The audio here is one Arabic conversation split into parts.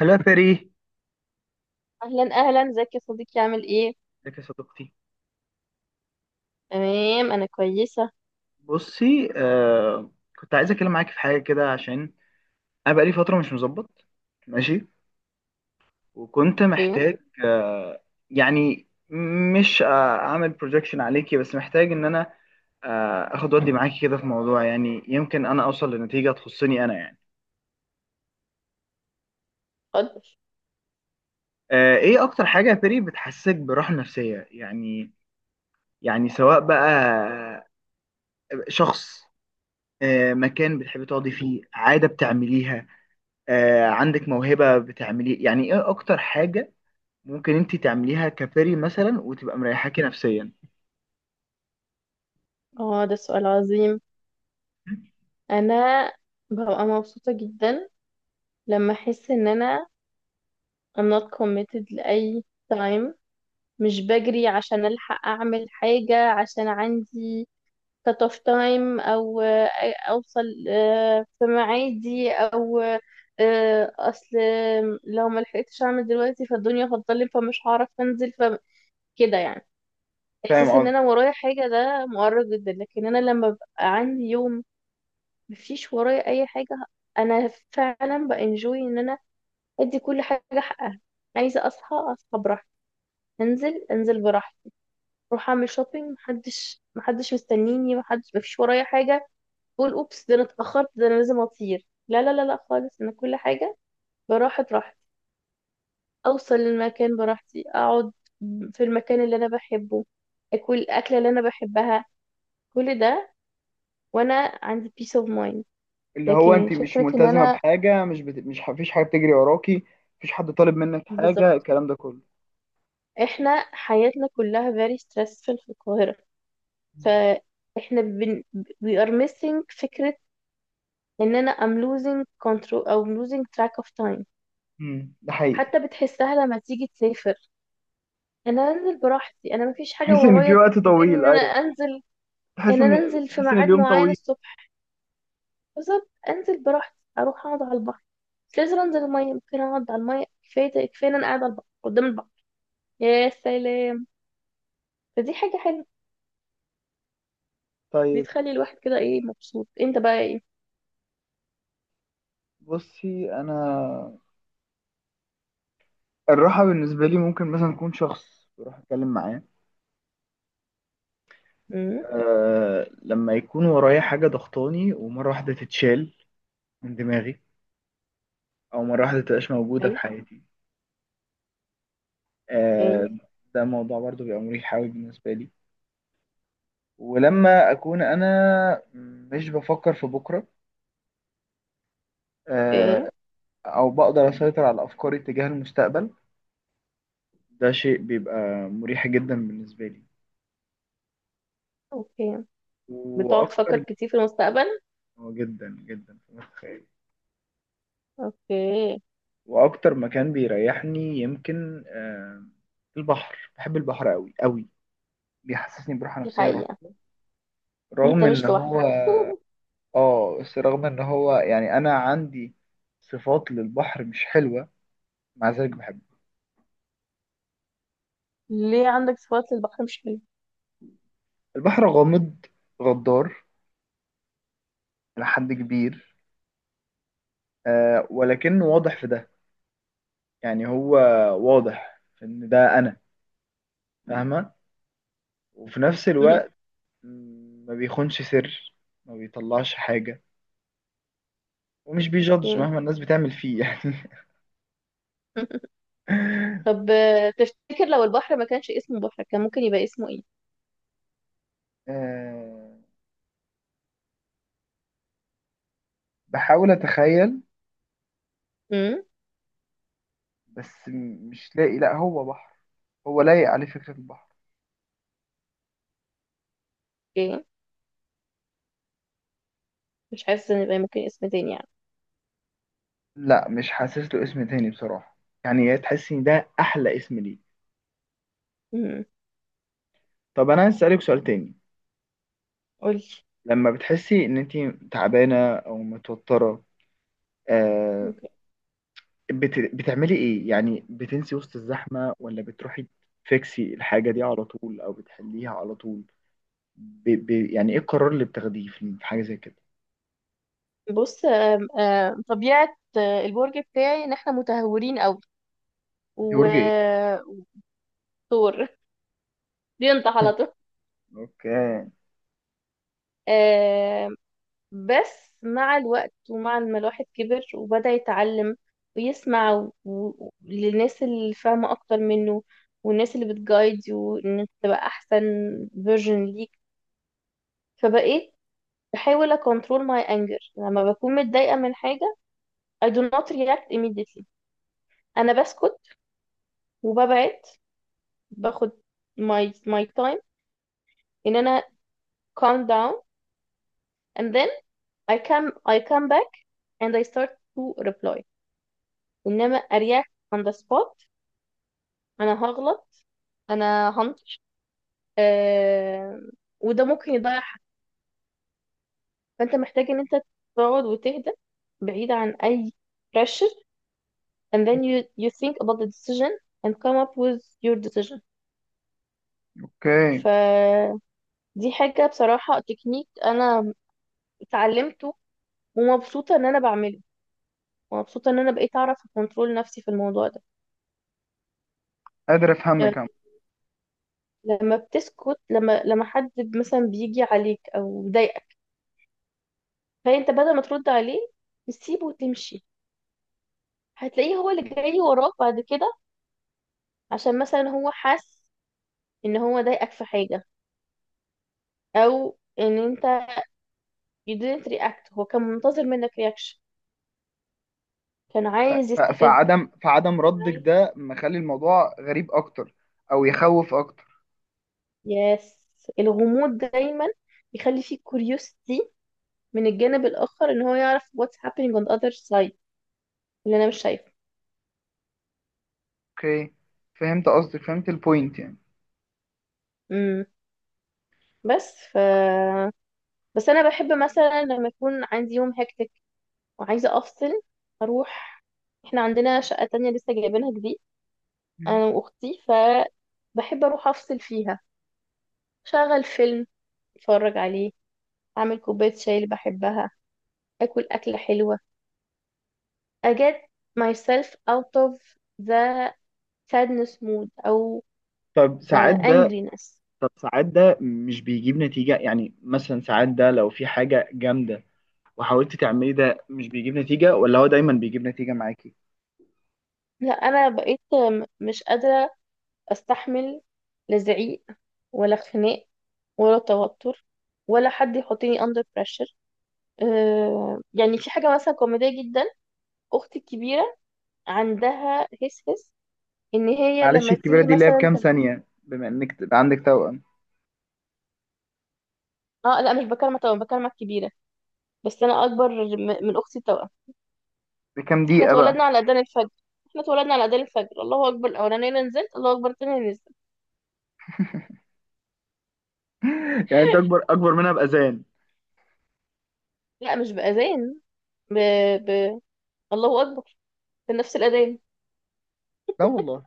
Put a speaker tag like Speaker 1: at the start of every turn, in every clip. Speaker 1: هلا فري.
Speaker 2: اهلا اهلا، ازيك يا صديقي؟ عامل ايه؟
Speaker 1: ازيك يا صديقتي؟
Speaker 2: تمام، انا كويسه.
Speaker 1: بصي، كنت عايز اتكلم معاكي في حاجه كده، عشان انا بقالي فتره مش مظبط، ماشي، وكنت
Speaker 2: اوكي.
Speaker 1: محتاج آه يعني مش آه اعمل بروجكشن عليكي، بس محتاج ان انا اخد ودي معاكي كده في موضوع، يعني يمكن انا اوصل لنتيجه تخصني انا يعني.
Speaker 2: اتفضل.
Speaker 1: ايه اكتر حاجه يا فري بتحسسك براحه نفسيه؟ يعني، يعني سواء بقى شخص، مكان بتحبي تقعدي فيه، عادة بتعمليها، عندك موهبة بتعملي، يعني ايه اكتر حاجة ممكن انت تعمليها كفري مثلا وتبقى مريحاكي نفسيا؟
Speaker 2: اه، ده سؤال عظيم. انا ببقى مبسوطه جدا لما احس ان انا I'm not committed لاي time، مش بجري عشان الحق اعمل حاجه عشان عندي cut off time، او اوصل في ميعادي، او اصل لو ما لحقتش اعمل دلوقتي فالدنيا هتضلم فمش هعرف انزل فكده. يعني
Speaker 1: فاهم
Speaker 2: احساس ان انا
Speaker 1: قصدي؟
Speaker 2: ورايا حاجه ده مؤرق جدا. لكن انا لما ببقى عندي يوم مفيش ورايا اي حاجه، انا فعلا بانجوي ان انا ادي كل حاجه حقها. عايزه اصحى اصحى براحتي، انزل انزل براحتي، اروح اعمل شوبينج، محدش محدش مستنيني، محدش، مفيش ورايا حاجه بقول اوبس ده انا اتاخرت، ده انا لازم اطير. لا لا لا لا، خالص انا كل حاجه براحه راحتي، اوصل للمكان براحتي، اقعد في المكان اللي انا بحبه، اكل الاكله اللي انا بحبها. كل ده وانا عندي peace of mind.
Speaker 1: اللي هو
Speaker 2: لكن
Speaker 1: انت مش
Speaker 2: فكرة ان
Speaker 1: ملتزمه
Speaker 2: انا،
Speaker 1: بحاجه، مش بت... مش مفيش حاجه بتجري وراكي. مفيش حد طالب منك حاجه
Speaker 2: بالظبط،
Speaker 1: الكلام ده كله.
Speaker 2: احنا حياتنا كلها very stressful في القاهرة. فاحنا we are missing فكرة ان انا I'm losing control، او I'm losing track of time.
Speaker 1: ده حقيقي.
Speaker 2: حتى بتحسها لما تيجي تسافر، انا انزل براحتي، انا مفيش حاجة
Speaker 1: تحس ان في
Speaker 2: ورايا
Speaker 1: وقت
Speaker 2: تجبرني
Speaker 1: طويل،
Speaker 2: ان انا
Speaker 1: ايوه،
Speaker 2: انزل،
Speaker 1: تحس
Speaker 2: ان انا
Speaker 1: ان
Speaker 2: انزل في
Speaker 1: تحس ان
Speaker 2: ميعاد
Speaker 1: اليوم
Speaker 2: معين
Speaker 1: طويل.
Speaker 2: الصبح. بالظبط، انزل براحتي اروح اقعد على البحر، مش لازم انزل المية، ممكن اقعد على المية، كفاية كفاية ان انا قاعدة على البحر قدام البحر، يا سلام. فدي حاجة حلوة، دي
Speaker 1: طيب،
Speaker 2: تخلي الواحد كده ايه مبسوط. انت بقى ايه؟
Speaker 1: بصي انا الراحه بالنسبه لي ممكن مثلا اكون شخص بروح اتكلم معاه،
Speaker 2: امم،
Speaker 1: أه لما يكون ورايا حاجة ضغطاني ومرة واحدة تتشال من دماغي، او مره واحده تبقاش موجوده في
Speaker 2: حلو.
Speaker 1: حياتي.
Speaker 2: ايه
Speaker 1: آه ده موضوع برضو بيبقى مريح قوي بالنسبه لي. ولما اكون انا مش بفكر في بكره، آه
Speaker 2: ايه.
Speaker 1: او بقدر اسيطر على افكاري تجاه المستقبل، ده شيء بيبقى مريح جدا بالنسبه لي.
Speaker 2: اوكي. بتقعد تفكر
Speaker 1: واكتر،
Speaker 2: كتير في المستقبل.
Speaker 1: جدا جدا فما تتخيل.
Speaker 2: اوكي.
Speaker 1: واكتر مكان بيريحني يمكن البحر، بحب البحر قوي قوي، بيحسسني براحه
Speaker 2: دي
Speaker 1: نفسيه
Speaker 2: حقيقة.
Speaker 1: رهيبة.
Speaker 2: انت
Speaker 1: رغم ان
Speaker 2: مش
Speaker 1: هو،
Speaker 2: لوحدك.
Speaker 1: اه بس رغم ان هو، يعني انا عندي صفات للبحر مش حلوة، مع ذلك بحبه.
Speaker 2: ليه عندك صفات للبحر مش حلوة؟
Speaker 1: البحر غامض، غدار إلى حد كبير، ولكنه واضح في ده، يعني هو واضح في ان ده انا فاهمة. وفي نفس الوقت م، ما بيخونش سر، ما بيطلعش حاجة، ومش بيجادج
Speaker 2: اوكي.
Speaker 1: مهما الناس بتعمل فيه يعني.
Speaker 2: طب، تفتكر لو البحر ما كانش اسمه بحر كان ممكن يبقى اسمه ايه؟
Speaker 1: آه بحاول اتخيل،
Speaker 2: امم.
Speaker 1: بس مش لاقي، لا هو بحر، هو لايق عليه فكرة البحر.
Speaker 2: اوكي. مش حاسة ان يبقى ممكن اسم تاني يعني.
Speaker 1: لا مش حاسس له اسم تاني بصراحة، يعني يا تحسي إن ده أحلى اسم ليه.
Speaker 2: امم.
Speaker 1: طب أنا عايز أسألك سؤال تاني.
Speaker 2: قولي.
Speaker 1: لما بتحسي إن أنت تعبانة أو متوترة، آه
Speaker 2: اوكي.
Speaker 1: بت... بتعملي إيه؟ يعني بتنسي وسط الزحمة ولا بتروحي تفكسي الحاجة دي على طول أو بتحليها على طول؟ ب... ب... يعني إيه القرار اللي بتاخديه في في حاجة زي كده؟
Speaker 2: بص، آم، آم، طبيعة البرج بتاعي ان احنا متهورين قوي. و
Speaker 1: برج ايه؟
Speaker 2: وثور، بينطح على طول.
Speaker 1: أوكي.
Speaker 2: آه، بس مع الوقت ومع ما الواحد كبر وبدأ يتعلم ويسمع للناس اللي فاهمة أكتر منه، والناس اللي بتجايد وإنك تبقى أحسن فيرجن ليك، فبقيت بحاول أكونترول ماي أنجر لما بكون متضايقة من حاجة. I do not react immediately. أنا بسكت، وببعد، باخد my time، إن أنا calm down, and then I come back and I start to reply. انما ارياك on the spot، انا هغلط، انا هنطش. آه. وده ممكن يضيع حاجة. فانت محتاج ان انت تقعد وتهدى بعيد عن اي pressure, and then you think about the decision and come up with your decision.
Speaker 1: اوكي،
Speaker 2: فدي حاجة بصراحة تكنيك انا اتعلمته، ومبسوطة ان انا بعمله، ومبسوطة ان انا بقيت اعرف اكونترول نفسي في الموضوع ده.
Speaker 1: قادر
Speaker 2: آه،
Speaker 1: افهمك، عم.
Speaker 2: لما بتسكت، لما حد مثلا بيجي عليك او بيضايقك، فانت بدل ما ترد عليه تسيبه وتمشي، هتلاقيه هو اللي جاي وراك بعد كده. عشان مثلا هو حس ان هو ضايقك في حاجة، او ان انت you didn't react، هو كان منتظر منك reaction. كان عايز
Speaker 1: ف...
Speaker 2: يستفزك.
Speaker 1: فعدم فعدم
Speaker 2: كان
Speaker 1: ردك
Speaker 2: عايز
Speaker 1: ده مخلي الموضوع غريب أكتر، أو يخوف أكتر.
Speaker 2: يس الغموض دايما بيخلي فيه curiosity من الجانب الاخر، ان هو يعرف what's happening on the other side اللي انا مش شايفه.
Speaker 1: اوكي، فهمت قصدك، فهمت البوينت يعني.
Speaker 2: امم. بس ف بس انا بحب مثلا لما يكون عندي يوم هيك وعايزة أفصل، أروح. إحنا عندنا شقة تانية لسه جايبينها جديد
Speaker 1: مم.
Speaker 2: أنا وأختي، فبحب أروح أفصل فيها. شغل فيلم أتفرج عليه، أعمل كوباية شاي اللي بحبها، أكل أكلة حلوة. I get myself out of the sadness mood، أو
Speaker 1: طب ساعات ده،
Speaker 2: angriness.
Speaker 1: طب ساعات ده مش بيجيب نتيجة؟ يعني مثلا ساعات ده لو في حاجة جامدة وحاولت تعملي ده مش بيجيب نتيجة، ولا هو دايما بيجيب نتيجة معاكي؟
Speaker 2: لا، أنا بقيت مش قادرة أستحمل لا زعيق، ولا خناق، ولا توتر، ولا حد يحطني under pressure. يعني في حاجة مثلا كوميدية جدا. أختي الكبيرة عندها هس هس، إن هي
Speaker 1: معلش،
Speaker 2: لما
Speaker 1: الكبيرة
Speaker 2: تيجي
Speaker 1: دي اللي هي
Speaker 2: مثلا
Speaker 1: بكام ثانية، بما انك تبقى عندك توأم؟
Speaker 2: اه، لا، مش بكلمة توأم، بكلمة كبيرة، بس أنا أكبر من أختي التوأم.
Speaker 1: بكام
Speaker 2: احنا
Speaker 1: دقيقة بقى؟
Speaker 2: اتولدنا على أذان الفجر، احنا اتولدنا على أذان الفجر. الله أكبر الأولانية نزلت، الله أكبر التانية نزلت.
Speaker 1: يعني انت اكبر، اكبر منها بأذان؟
Speaker 2: لا، مش بأذان، ب... ب... الله أكبر في نفس الأذان.
Speaker 1: لا والله؟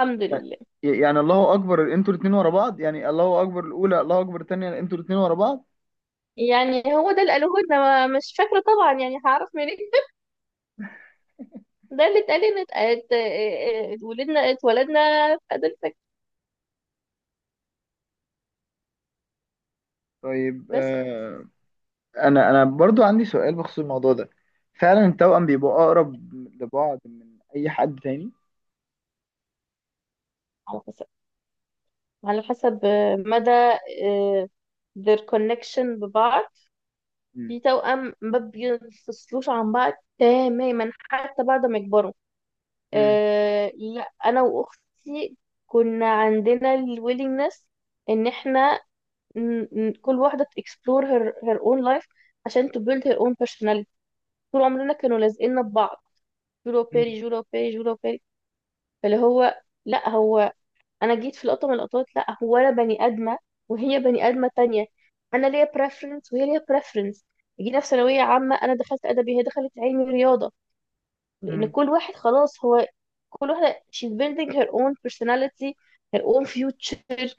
Speaker 2: الحمد لله.
Speaker 1: ي- يعني الله اكبر انتوا الاتنين ورا بعض، يعني الله اكبر الاولى الله اكبر الثانية، انتوا الاتنين ورا بعض.
Speaker 2: يعني هو ده اللي قالوه لنا، مش فاكرة طبعا، يعني هعرف منين؟ ده اللي اتقال لنا، ولدنا اتولدنا في أذان الفجر.
Speaker 1: طيب،
Speaker 2: بس.
Speaker 1: انا انا برضو عندي سؤال بخصوص الموضوع ده. فعلا التوأم بيبقوا اقرب لبعض من اي حد تاني؟
Speaker 2: على حسب، على حسب مدى آه، their connection ببعض.
Speaker 1: مم.
Speaker 2: في توأم ما بينفصلوش عن بعض تماما حتى بعد ما يكبروا.
Speaker 1: مم.
Speaker 2: آه، لا، أنا وأختي كنا عندنا ال willingness، إن إحنا كل واحدة ت explore her own life, عشان to build her own personality. طول عمرنا كانوا لازقيننا ببعض، جولو
Speaker 1: مم.
Speaker 2: بيري جولو بيري جولو بيري. فاللي هو، لا هو، انا جيت في لقطه من اللقطات، لا، هو انا بني ادمه وهي بني ادمه تانية، انا ليا بريفرنس وهي ليا بريفرنس. جينا في ثانويه عامه، انا دخلت ادبي، هي دخلت علمي رياضه، لان
Speaker 1: مم.
Speaker 2: كل واحد خلاص هو، كل واحده she's building her own personality, her own future.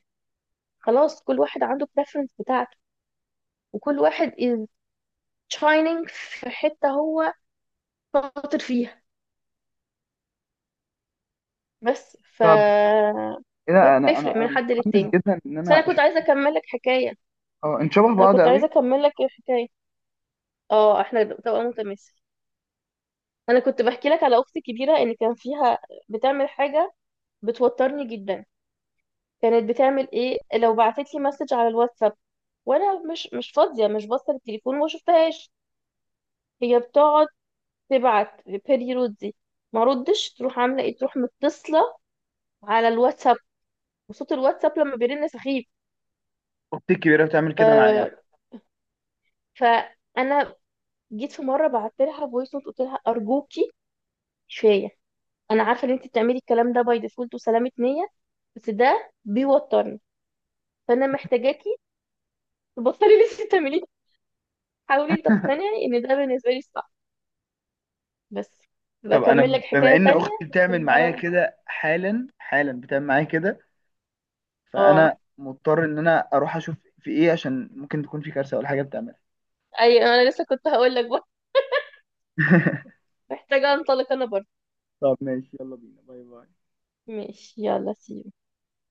Speaker 2: خلاص كل واحد عنده preference بتاعته، وكل واحد is shining في حته هو شاطر فيها. بس ف
Speaker 1: طب ايه ده، انا
Speaker 2: بتفرق
Speaker 1: انا انا
Speaker 2: من حد
Speaker 1: متحمس
Speaker 2: للتاني.
Speaker 1: جدا ان
Speaker 2: بس انا
Speaker 1: انا
Speaker 2: كنت
Speaker 1: اشوف،
Speaker 2: عايزه اكمل لك حكايه،
Speaker 1: اه انت شبه
Speaker 2: انا
Speaker 1: بعض
Speaker 2: كنت عايزه
Speaker 1: قوي.
Speaker 2: اكمل لك الحكايه. اه، احنا بتبقى متماسك. انا كنت بحكي لك على اختي الكبيره اللي كان فيها بتعمل حاجه بتوترني جدا. كانت بتعمل ايه؟ لو بعتت لي مسج على الواتساب وانا مش فاضيه، مش باصه للتليفون وما شفتهاش، هي بتقعد تبعت بيريود. دي ما ردش، تروح عامله ايه، تروح متصله على الواتساب، وصوت الواتساب لما بيرن سخيف.
Speaker 1: اختي الكبيره بتعمل
Speaker 2: ف...
Speaker 1: كده معايا.
Speaker 2: فانا جيت في مره بعت لها فويس نوت، قلت لها ارجوكي كفايه، انا عارفه ان انت بتعملي الكلام ده باي ديفولت وسلامه نيه، بس ده بيوترني. فانا محتاجاكي تبطلي اللي انت بتعمليه، حاولي تقتنعي ان ده بالنسبه لي الصح. بس
Speaker 1: طب
Speaker 2: بكمل
Speaker 1: انا
Speaker 2: لك
Speaker 1: بما
Speaker 2: حكايه
Speaker 1: ان
Speaker 2: تانية
Speaker 1: اختي
Speaker 2: بس
Speaker 1: بتعمل معايا
Speaker 2: المره.
Speaker 1: كده حالا، حالا بتعمل معايا كده،
Speaker 2: اه،
Speaker 1: فانا مضطر ان انا اروح اشوف في ايه، عشان ممكن تكون في كارثه ولا حاجه بتعملها.
Speaker 2: اي انا لسه كنت هقول لك بقى، محتاجه انطلق انا برضه.
Speaker 1: طب ماشي، يلا بينا، باي باي.
Speaker 2: ماشي يلا، سي.